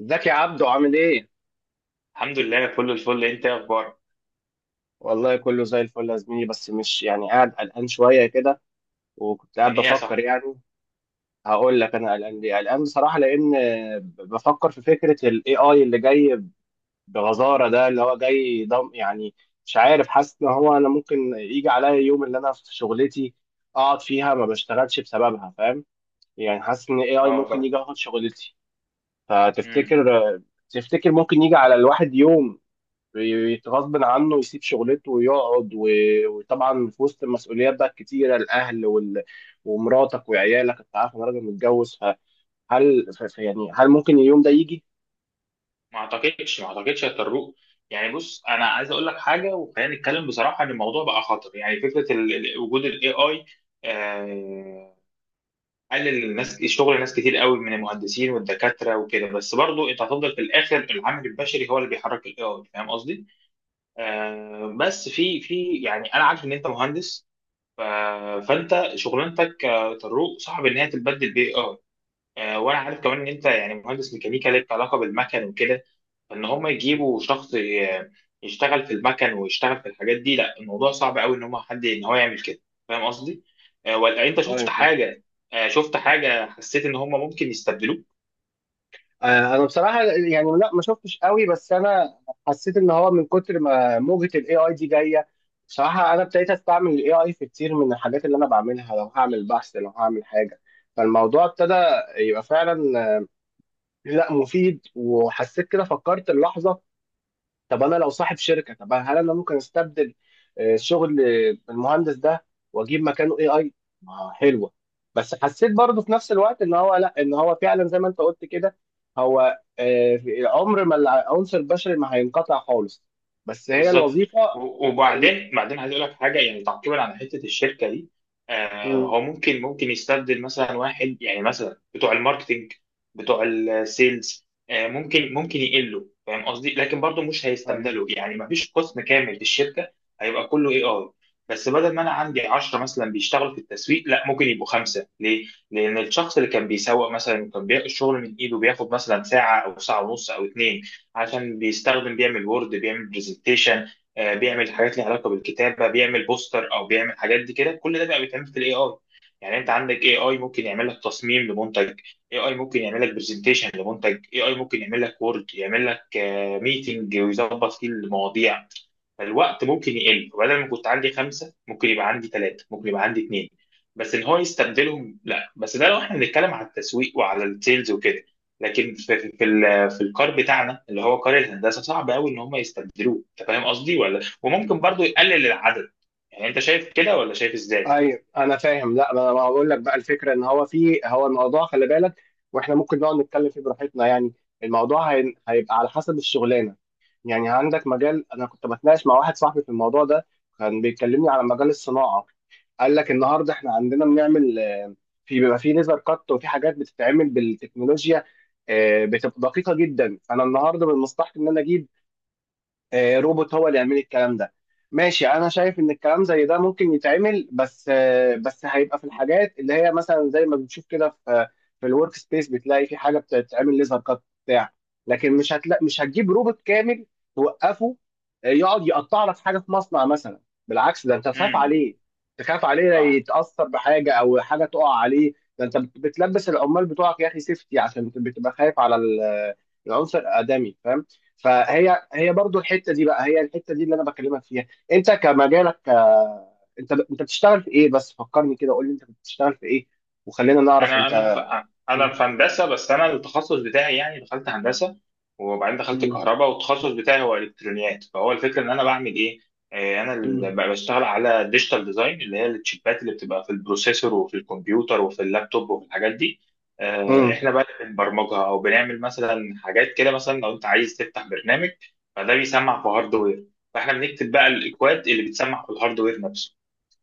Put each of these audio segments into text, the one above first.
ازيك يا عبدو، عامل ايه؟ الحمد لله، كل الفل. انت ايه اخبارك؟ والله كله زي الفل يا زميلي، بس مش يعني قاعد قلقان شوية كده، وكنت من قاعد ايه يا صاحبي؟ بفكر يعني. هقول لك انا قلقان ليه؟ قلقان بصراحة لأن بفكر في فكرة ال AI اللي جاي بغزارة، ده اللي هو جاي ضم يعني. مش عارف، حاسس ان هو انا ممكن يجي عليا يوم اللي انا في شغلتي اقعد فيها ما بشتغلش بسببها، فاهم؟ يعني حاسس ان اه AI والله. ممكن يجي ياخد شغلتي. امم. فتفتكر ممكن يجي على الواحد يوم غصب عنه يسيب شغلته ويقعد وطبعا في وسط المسؤوليات بقى الكتيره، الاهل ومراتك وعيالك، انت عارف انا راجل متجوز، فهل يعني هل ممكن اليوم ده يجي؟ ما اعتقدش، ما اعتقدش يا طروق. يعني بص، انا عايز اقول لك حاجه وخلينا نتكلم بصراحه ان الموضوع بقى خطر. يعني فكره وجود الاي اي قلل الناس، شغل ناس كتير قوي من المهندسين والدكاتره وكده. بس برضو انت هتفضل في الاخر، العامل البشري هو اللي بيحرك الاي اي. فاهم قصدي؟ بس في يعني انا عارف ان انت مهندس ف... فانت شغلانتك، طروق، صعب ان هي تتبدل باي اي. وانا عارف كمان ان انت يعني مهندس ميكانيكا ليك علاقه بالمكن وكده. فان هم يجيبوا شخص يشتغل في المكن ويشتغل في الحاجات دي. لا، الموضوع صعب قوي ان هم حد ان هو يعمل كده. فاهم قصدي؟ ولا انت أيوة، شفت فاهم. حاجه؟ شفت حاجه حسيت ان هم ممكن يستبدلوك؟ آه، انا بصراحه يعني لا، ما شفتش قوي، بس انا حسيت ان هو من كتر ما موجه الاي اي دي جايه. بصراحه انا ابتديت استعمل الاي اي في كتير من الحاجات اللي انا بعملها، لو هعمل بحث لو هعمل حاجه. فالموضوع ابتدى يبقى فعلا لا مفيد، وحسيت كده فكرت اللحظه، طب انا لو صاحب شركه طب هل انا ممكن استبدل شغل المهندس ده واجيب مكانه اي اي؟ ما حلوه. بس حسيت برضه في نفس الوقت ان هو لا، ان هو فعلا زي ما انت قلت كده، هو عمر ما العنصر البشري ما هينقطع خالص، بس هي بالظبط. الوظيفه و- ال- وبعدين بعدين عايز اقول لك حاجه يعني تعقيبا على حته الشركه دي. هو ممكن يستبدل مثلا واحد، يعني مثلا بتوع الماركتينج، بتوع السيلز. ممكن يقلوا. فاهم قصدي؟ لكن برضه مش مم. هيستبدلوا، يعني ما فيش قسم كامل في الشركه هيبقى كله اي اي. بس بدل ما انا عندي 10 مثلا بيشتغلوا في التسويق، لا، ممكن يبقوا خمسه. ليه؟ لان الشخص اللي كان بيسوق مثلا، وكان بياخد الشغل من ايده، بياخد مثلا ساعه او ساعه ونص او اتنين، عشان بيستخدم، بيعمل وورد، بيعمل برزنتيشن، بيعمل حاجات ليها علاقه بالكتابه، بيعمل بوستر او بيعمل حاجات دي كده. كل ده بقى بيتعمل في الاي اي. يعني انت عندك اي اي ممكن يعمل لك تصميم لمنتج، اي اي ممكن يعمل لك برزنتيشن لمنتج، اي اي ممكن يعمل لك وورد، يعمل لك ميتنج ويظبط فيه المواضيع. فالوقت ممكن يقل. بدل ما كنت عندي خمسة، ممكن يبقى عندي ثلاثة، ممكن يبقى عندي اثنين. بس ان هو يستبدلهم، لا. بس ده لو احنا بنتكلم على التسويق وعلى السيلز وكده. لكن في الكار بتاعنا اللي هو كار الهندسة، صعب قوي ان هم يستبدلوه. انت فاهم قصدي؟ ولا وممكن برضو يقلل العدد؟ يعني انت شايف كده ولا شايف ازاي؟ ايوه انا فاهم، لا، ما انا بقول لك بقى الفكره ان هو في، هو الموضوع خلي بالك، واحنا ممكن نقعد نتكلم فيه براحتنا يعني. الموضوع هيبقى على حسب الشغلانه. يعني عندك مجال، انا كنت بتناقش مع واحد صاحبي في الموضوع ده، كان بيكلمني على مجال الصناعه. قال لك النهارده احنا عندنا بنعمل في بيبقى في ليزر كات، وفي حاجات بتتعمل بالتكنولوجيا بتبقى دقيقه جدا. فانا النهارده من مصلحتي ان انا اجيب روبوت هو اللي يعمل الكلام ده. ماشي انا شايف ان الكلام زي ده ممكن يتعمل، بس هيبقى في الحاجات اللي هي مثلا زي ما بنشوف كده في الورك سبيس، بتلاقي في حاجه بتتعمل ليزر كات بتاع. لكن مش هتجيب روبوت كامل توقفه يقعد يقطع لك حاجه في مصنع مثلا. بالعكس، ده انت تخاف امم. عليه، تخاف عليه صح. يتاثر بحاجه او حاجه تقع عليه. ده انت بتلبس العمال بتوعك يا اخي سيفتي، عشان بتبقى خايف على العنصر الادمي، فاهم؟ فهي برضو الحته دي بقى، هي الحته دي اللي انا بكلمك فيها. انت كمجالك انت بتشتغل في ايه بس فكرني كده، قول لي انت بتشتغل في ايه، وخلينا نعرف انا انا ف... انت. انا مم. في هندسه. بس انا التخصص بتاعي يعني دخلت هندسه، وبعدين دخلت مم. كهرباء، والتخصص بتاعي هو الكترونيات. فهو الفكره ان انا بعمل ايه؟ انا اللي مم. بشتغل على ديجيتال ديزاين، اللي هي التشيبات اللي بتبقى في البروسيسور وفي الكمبيوتر وفي اللابتوب وفي الحاجات دي. مم. احنا بقى اللي بنبرمجها، او بنعمل مثلا حاجات كده. مثلا لو انت عايز تفتح برنامج، فده بيسمع في هاردوير. فاحنا بنكتب بقى الاكواد اللي بتسمع في الهاردوير نفسه.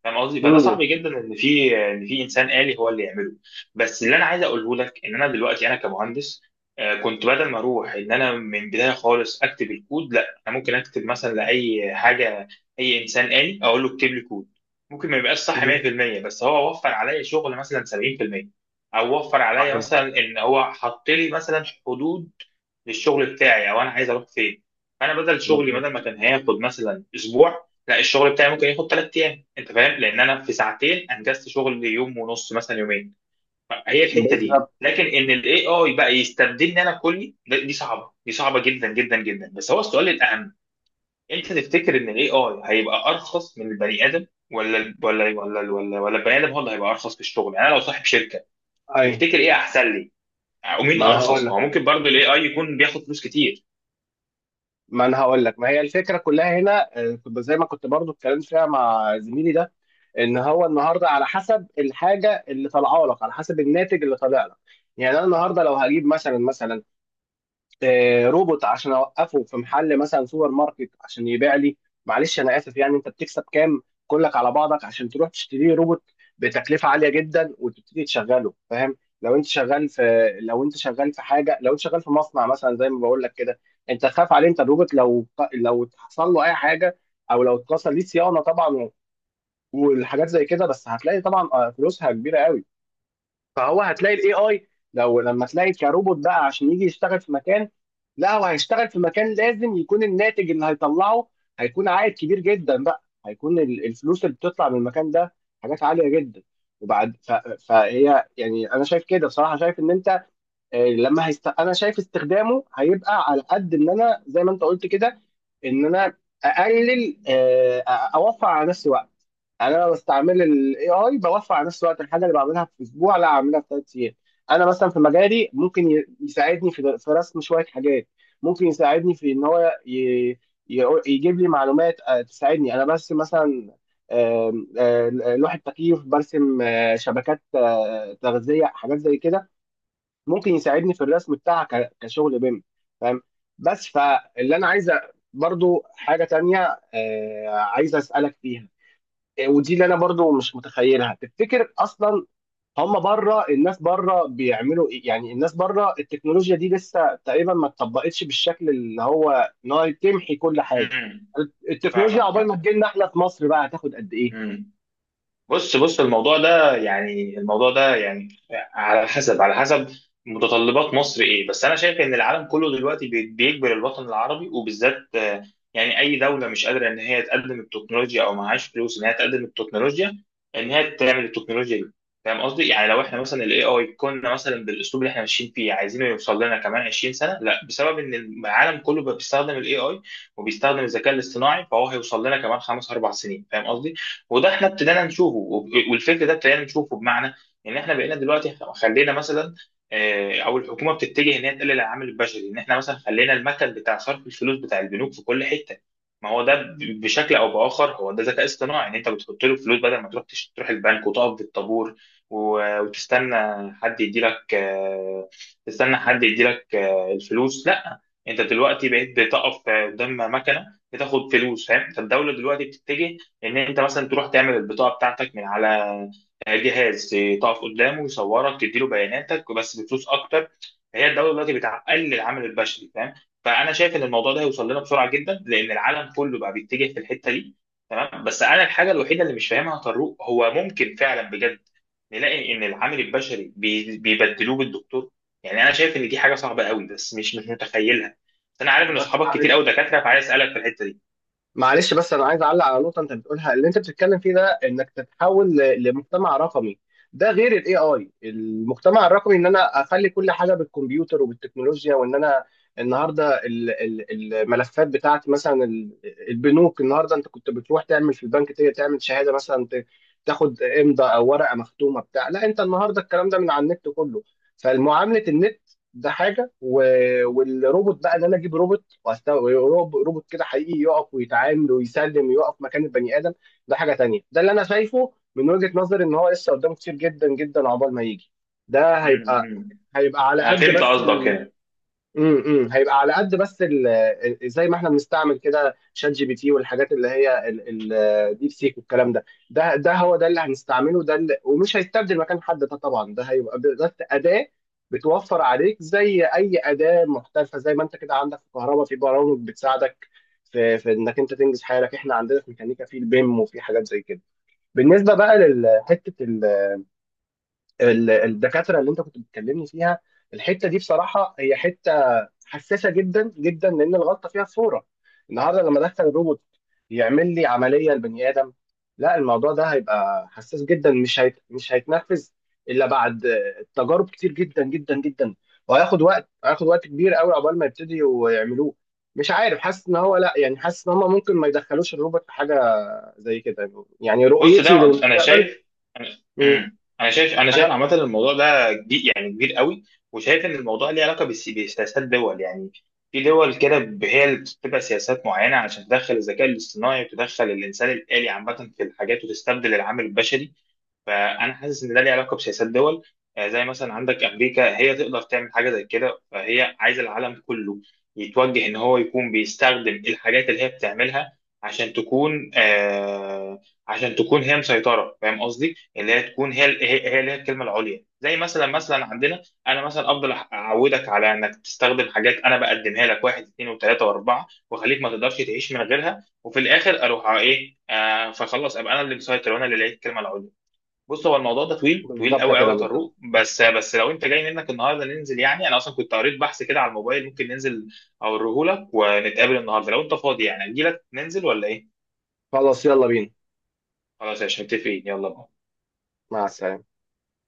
فاهم قصدي؟ فده مم. صعب جدا ان في ان في انسان آلي هو اللي يعمله. بس اللي انا عايز اقوله لك، ان انا دلوقتي انا كمهندس، كنت بدل ما اروح ان انا من بدايه خالص اكتب الكود، لا انا ممكن اكتب مثلا لاي حاجه. اي انسان آلي اقول له اكتب لي كود، ممكن ما يبقاش صح مم. 100%، بس هو وفر عليا شغل مثلا 70%، او وفر عليا صحيح. مثلا ان هو حط لي مثلا حدود للشغل بتاعي، او انا عايز اروح فين. فانا بدل شغلي، بدل ما مظبوط. كان هياخد مثلا اسبوع، لا، الشغل بتاعي ممكن ياخد 3 ايام. انت فاهم؟ لان انا في ساعتين انجزت شغل يوم ونص، مثلا يومين. هي الحته دي. بالظبط. لكن ان الاي اي بقى يستبدلني انا كلي، دي صعبه، دي صعبه جدا جدا جدا. بس هو السؤال الاهم، انت تفتكر ان الاي اي هيبقى ارخص من البني ادم، ولا ال- ولا ولا ولا ولا البني ادم هو اللي هيبقى ارخص في الشغل؟ يعني انا لو صاحب شركه، اي. تفتكر ايه احسن لي ومين ما انا هقول ارخص؟ ما هو لك ممكن برضه الاي اي يكون بياخد فلوس كتير. ما انا هقول لك ما هي الفكره كلها هنا كنت زي ما كنت برضو اتكلمت فيها مع زميلي ده، ان هو النهارده على حسب الحاجه اللي طالعه لك، على حسب الناتج اللي طالع لك. يعني انا النهارده لو هجيب مثلا روبوت عشان اوقفه في محل مثلا سوبر ماركت عشان يبيع لي، معلش انا اسف، يعني انت بتكسب كام كلك على بعضك عشان تروح تشتري روبوت بتكلفه عاليه جدا وتبتدي تشغله؟ فاهم. لو انت شغال في حاجه، لو انت شغال في مصنع مثلا زي ما بقول لك كده، انت تخاف عليه. انت الروبوت لو حصل له اي حاجه، او لو اتكسر، ليه صيانه طبعا والحاجات زي كده، بس هتلاقي طبعا فلوسها كبيره قوي. فهو هتلاقي الاي اي لما تلاقي كروبوت بقى عشان يجي يشتغل في مكان، لا، هو هيشتغل في مكان لازم يكون الناتج اللي هيطلعه هيكون عائد كبير جدا، بقى هيكون الفلوس اللي بتطلع من المكان ده حاجات عالية جدا. وبعد فهي يعني انا شايف كده بصراحة، شايف ان انت انا شايف استخدامه هيبقى على قد ان انا زي ما انت قلت كده، ان انا اقلل اوفر على نفسي وقت. يعني انا لما بستعمل الاي اي بوفر على نفسي وقت، الحاجه اللي بعملها في اسبوع لا اعملها في ثلاث ايام. انا مثلا في مجالي ممكن يساعدني في رسم شويه حاجات، ممكن يساعدني في ان هو يجيب لي معلومات تساعدني انا بس مثلا آم، آه، لوحة تكييف، برسم شبكات تغذية، حاجات زي كده، ممكن يساعدني في الرسم بتاعها كشغل بيم، فاهم؟ بس فاللي انا عايزه برضو حاجه تانية عايزه اسالك فيها ودي اللي انا برضو مش متخيلها، تفتكر اصلا هم بره، الناس بره بيعملوا ايه؟ يعني الناس بره التكنولوجيا دي لسه تقريبا ما اتطبقتش بالشكل اللي هو انها تمحي كل حاجه؟ امم. التكنولوجيا عقبال فاهمك. ما تجيلنا احنا في مصر بقى هتاخد قد ايه؟ فاهم. بص، الموضوع ده يعني، الموضوع ده يعني على حسب متطلبات مصر ايه. بس انا شايف ان العالم كله دلوقتي بيجبر الوطن العربي، وبالذات يعني اي دوله مش قادره ان هي تقدم التكنولوجيا، او معهاش فلوس ان هي تقدم التكنولوجيا، ان هي تعمل التكنولوجيا دي. فاهم قصدي؟ يعني لو احنا مثلا الاي اي كنا مثلا بالاسلوب اللي احنا ماشيين فيه، عايزينه يوصل لنا كمان 20 سنه. لا، بسبب ان العالم كله بقى بيستخدم الاي اي وبيستخدم الذكاء الاصطناعي، فهو هيوصل لنا كمان خمس اربع سنين. فاهم قصدي؟ وده احنا ابتدينا نشوفه، وب- والفكر ده ابتدينا نشوفه بمعنى ان احنا بقينا دلوقتي خلينا مثلا، او الحكومه بتتجه ان هي تقلل العامل البشري. ان احنا مثلا خلينا المثل بتاع صرف الفلوس بتاع البنوك في كل حته، ما هو ده بشكل او باخر هو ده ذكاء اصطناعي. ان انت بتحط له فلوس بدل ما تروح تروح البنك وتقف في الطابور و- وتستنى حد يدي لك، تستنى حد يدي لك الفلوس. لا، انت دلوقتي بقيت بتقف قدام مكنه بتاخد فلوس. فاهم؟ فالدوله دلوقتي بتتجه ان انت مثلا تروح تعمل البطاقه بتاعتك من على جهاز، تقف قدامه يصورك تديله بياناتك، بس بفلوس اكتر. هي الدوله دلوقتي بتقلل العمل البشري. فاهم؟ فانا شايف ان الموضوع ده هيوصل لنا بسرعه جدا، لان العالم كله بقى بيتجه في الحته دي. تمام. بس انا الحاجه الوحيده اللي مش فاهمها يا طارق، هو ممكن فعلا بجد نلاقي ان العامل البشري بيبدلوه بالدكتور؟ يعني انا شايف ان دي حاجه صعبه قوي، بس مش متخيلها. بس انا عارف ان بس اصحابك كتير قوي معلش، دكاتره، فعايز اسالك في الحته دي. بس انا عايز اعلق على نقطه انت بتقولها، اللي انت بتتكلم فيه ده انك تتحول لمجتمع رقمي. ده غير الاي اي. المجتمع الرقمي ان انا اخلي كل حاجه بالكمبيوتر وبالتكنولوجيا، وان انا النهارده الملفات بتاعتي مثلا البنوك، النهارده انت كنت بتروح تعمل في البنك تعمل شهاده مثلا تاخد امضاء او ورقه مختومه بتاع، لا، انت النهارده الكلام ده من على النت كله، فالمعامله النت. ده حاجه والروبوت بقى، ان انا اجيب روبوت روبوت كده حقيقي يقف ويتعامل ويسلم ويقف مكان البني ادم، ده حاجه تانية. ده اللي انا شايفه من وجهه نظري ان هو لسه قدامه كتير جدا جدا عقبال ما يجي. ده هيبقى امم، هيبقى على انا قد فهمت بس. قصدك يعني. هيبقى على قد بس، زي ما احنا بنستعمل كده شات جي بي تي، والحاجات اللي هي ديب سيك والكلام ده، ده هو ده اللي هنستعمله، ده اللي ومش هيستبدل مكان حد، ده طبعا ده هيبقى بس اداه بتوفر عليك زي اي اداه محترفه، زي ما انت كده عندك في الكهرباء في برامج بتساعدك في انك انت تنجز حالك، احنا عندنا في ميكانيكا في البيم وفي حاجات زي كده. بالنسبه بقى لحته الدكاتره اللي انت كنت بتكلمني فيها، الحته دي بصراحه هي حته حساسه جدا جدا لان الغلطه فيها فوره. النهارده لما دخل الروبوت يعمل لي عمليه لبني ادم، لا، الموضوع ده هيبقى حساس جدا، مش هيتنفذ الا بعد تجارب كتير جدا جدا جدا. وهياخد وقت، هياخد وقت كبير قوي عقبال ما يبتدوا يعملوه. مش عارف، حاسس ان هو لا، يعني حاسس ان هم ممكن ما يدخلوش الروبوت في حاجه زي كده، يعني بص، رؤيتي انا للمستقبل. شايف انا مم. أمم. انا شايف انا شايف أنا- عامه الموضوع ده كبير، يعني كبير قوي. وشايف ان الموضوع ليه علاقه بسياسات دول، يعني في دول كده هي اللي بتتبع سياسات معينه عشان تدخل الذكاء الاصطناعي وتدخل الانسان الالي عامه في الحاجات وتستبدل العامل البشري. فانا حاسس ان ده ليه علاقه بسياسات دول. زي مثلا عندك امريكا، هي تقدر تعمل حاجه زي كده، فهي عايزه العالم كله يتوجه ان هو يكون بيستخدم الحاجات اللي هي بتعملها، عشان تكون آه عشان تكون هي مسيطره. فاهم قصدي؟ اللي هي تكون هي اللي هي الكلمه العليا. زي مثلا عندنا، انا مثلا افضل اعودك على انك تستخدم حاجات انا بقدمها لك، واحد، اثنين، وثلاثه، واربعه، واخليك ما تقدرش تعيش من غيرها. وفي الاخر اروح على ايه؟ فخلص، ابقى انا اللي مسيطر، وانا اللي لقيت الكلمه العليا. بص، هو الموضوع ده طويل طويل بالظبط قوي قوي كده، يا بالظبط. طارق. بس لو انت جاي منك النهارده ننزل، يعني انا اصلا كنت قريت بحث كده على الموبايل، ممكن ننزل اوريه لك، ونتقابل النهارده لو انت فاضي. يعني اجي لك ننزل ولا ايه؟ خلاص يلا بينا. خلاص يا باشا، متفقين، يلا بقى. مع السلامة.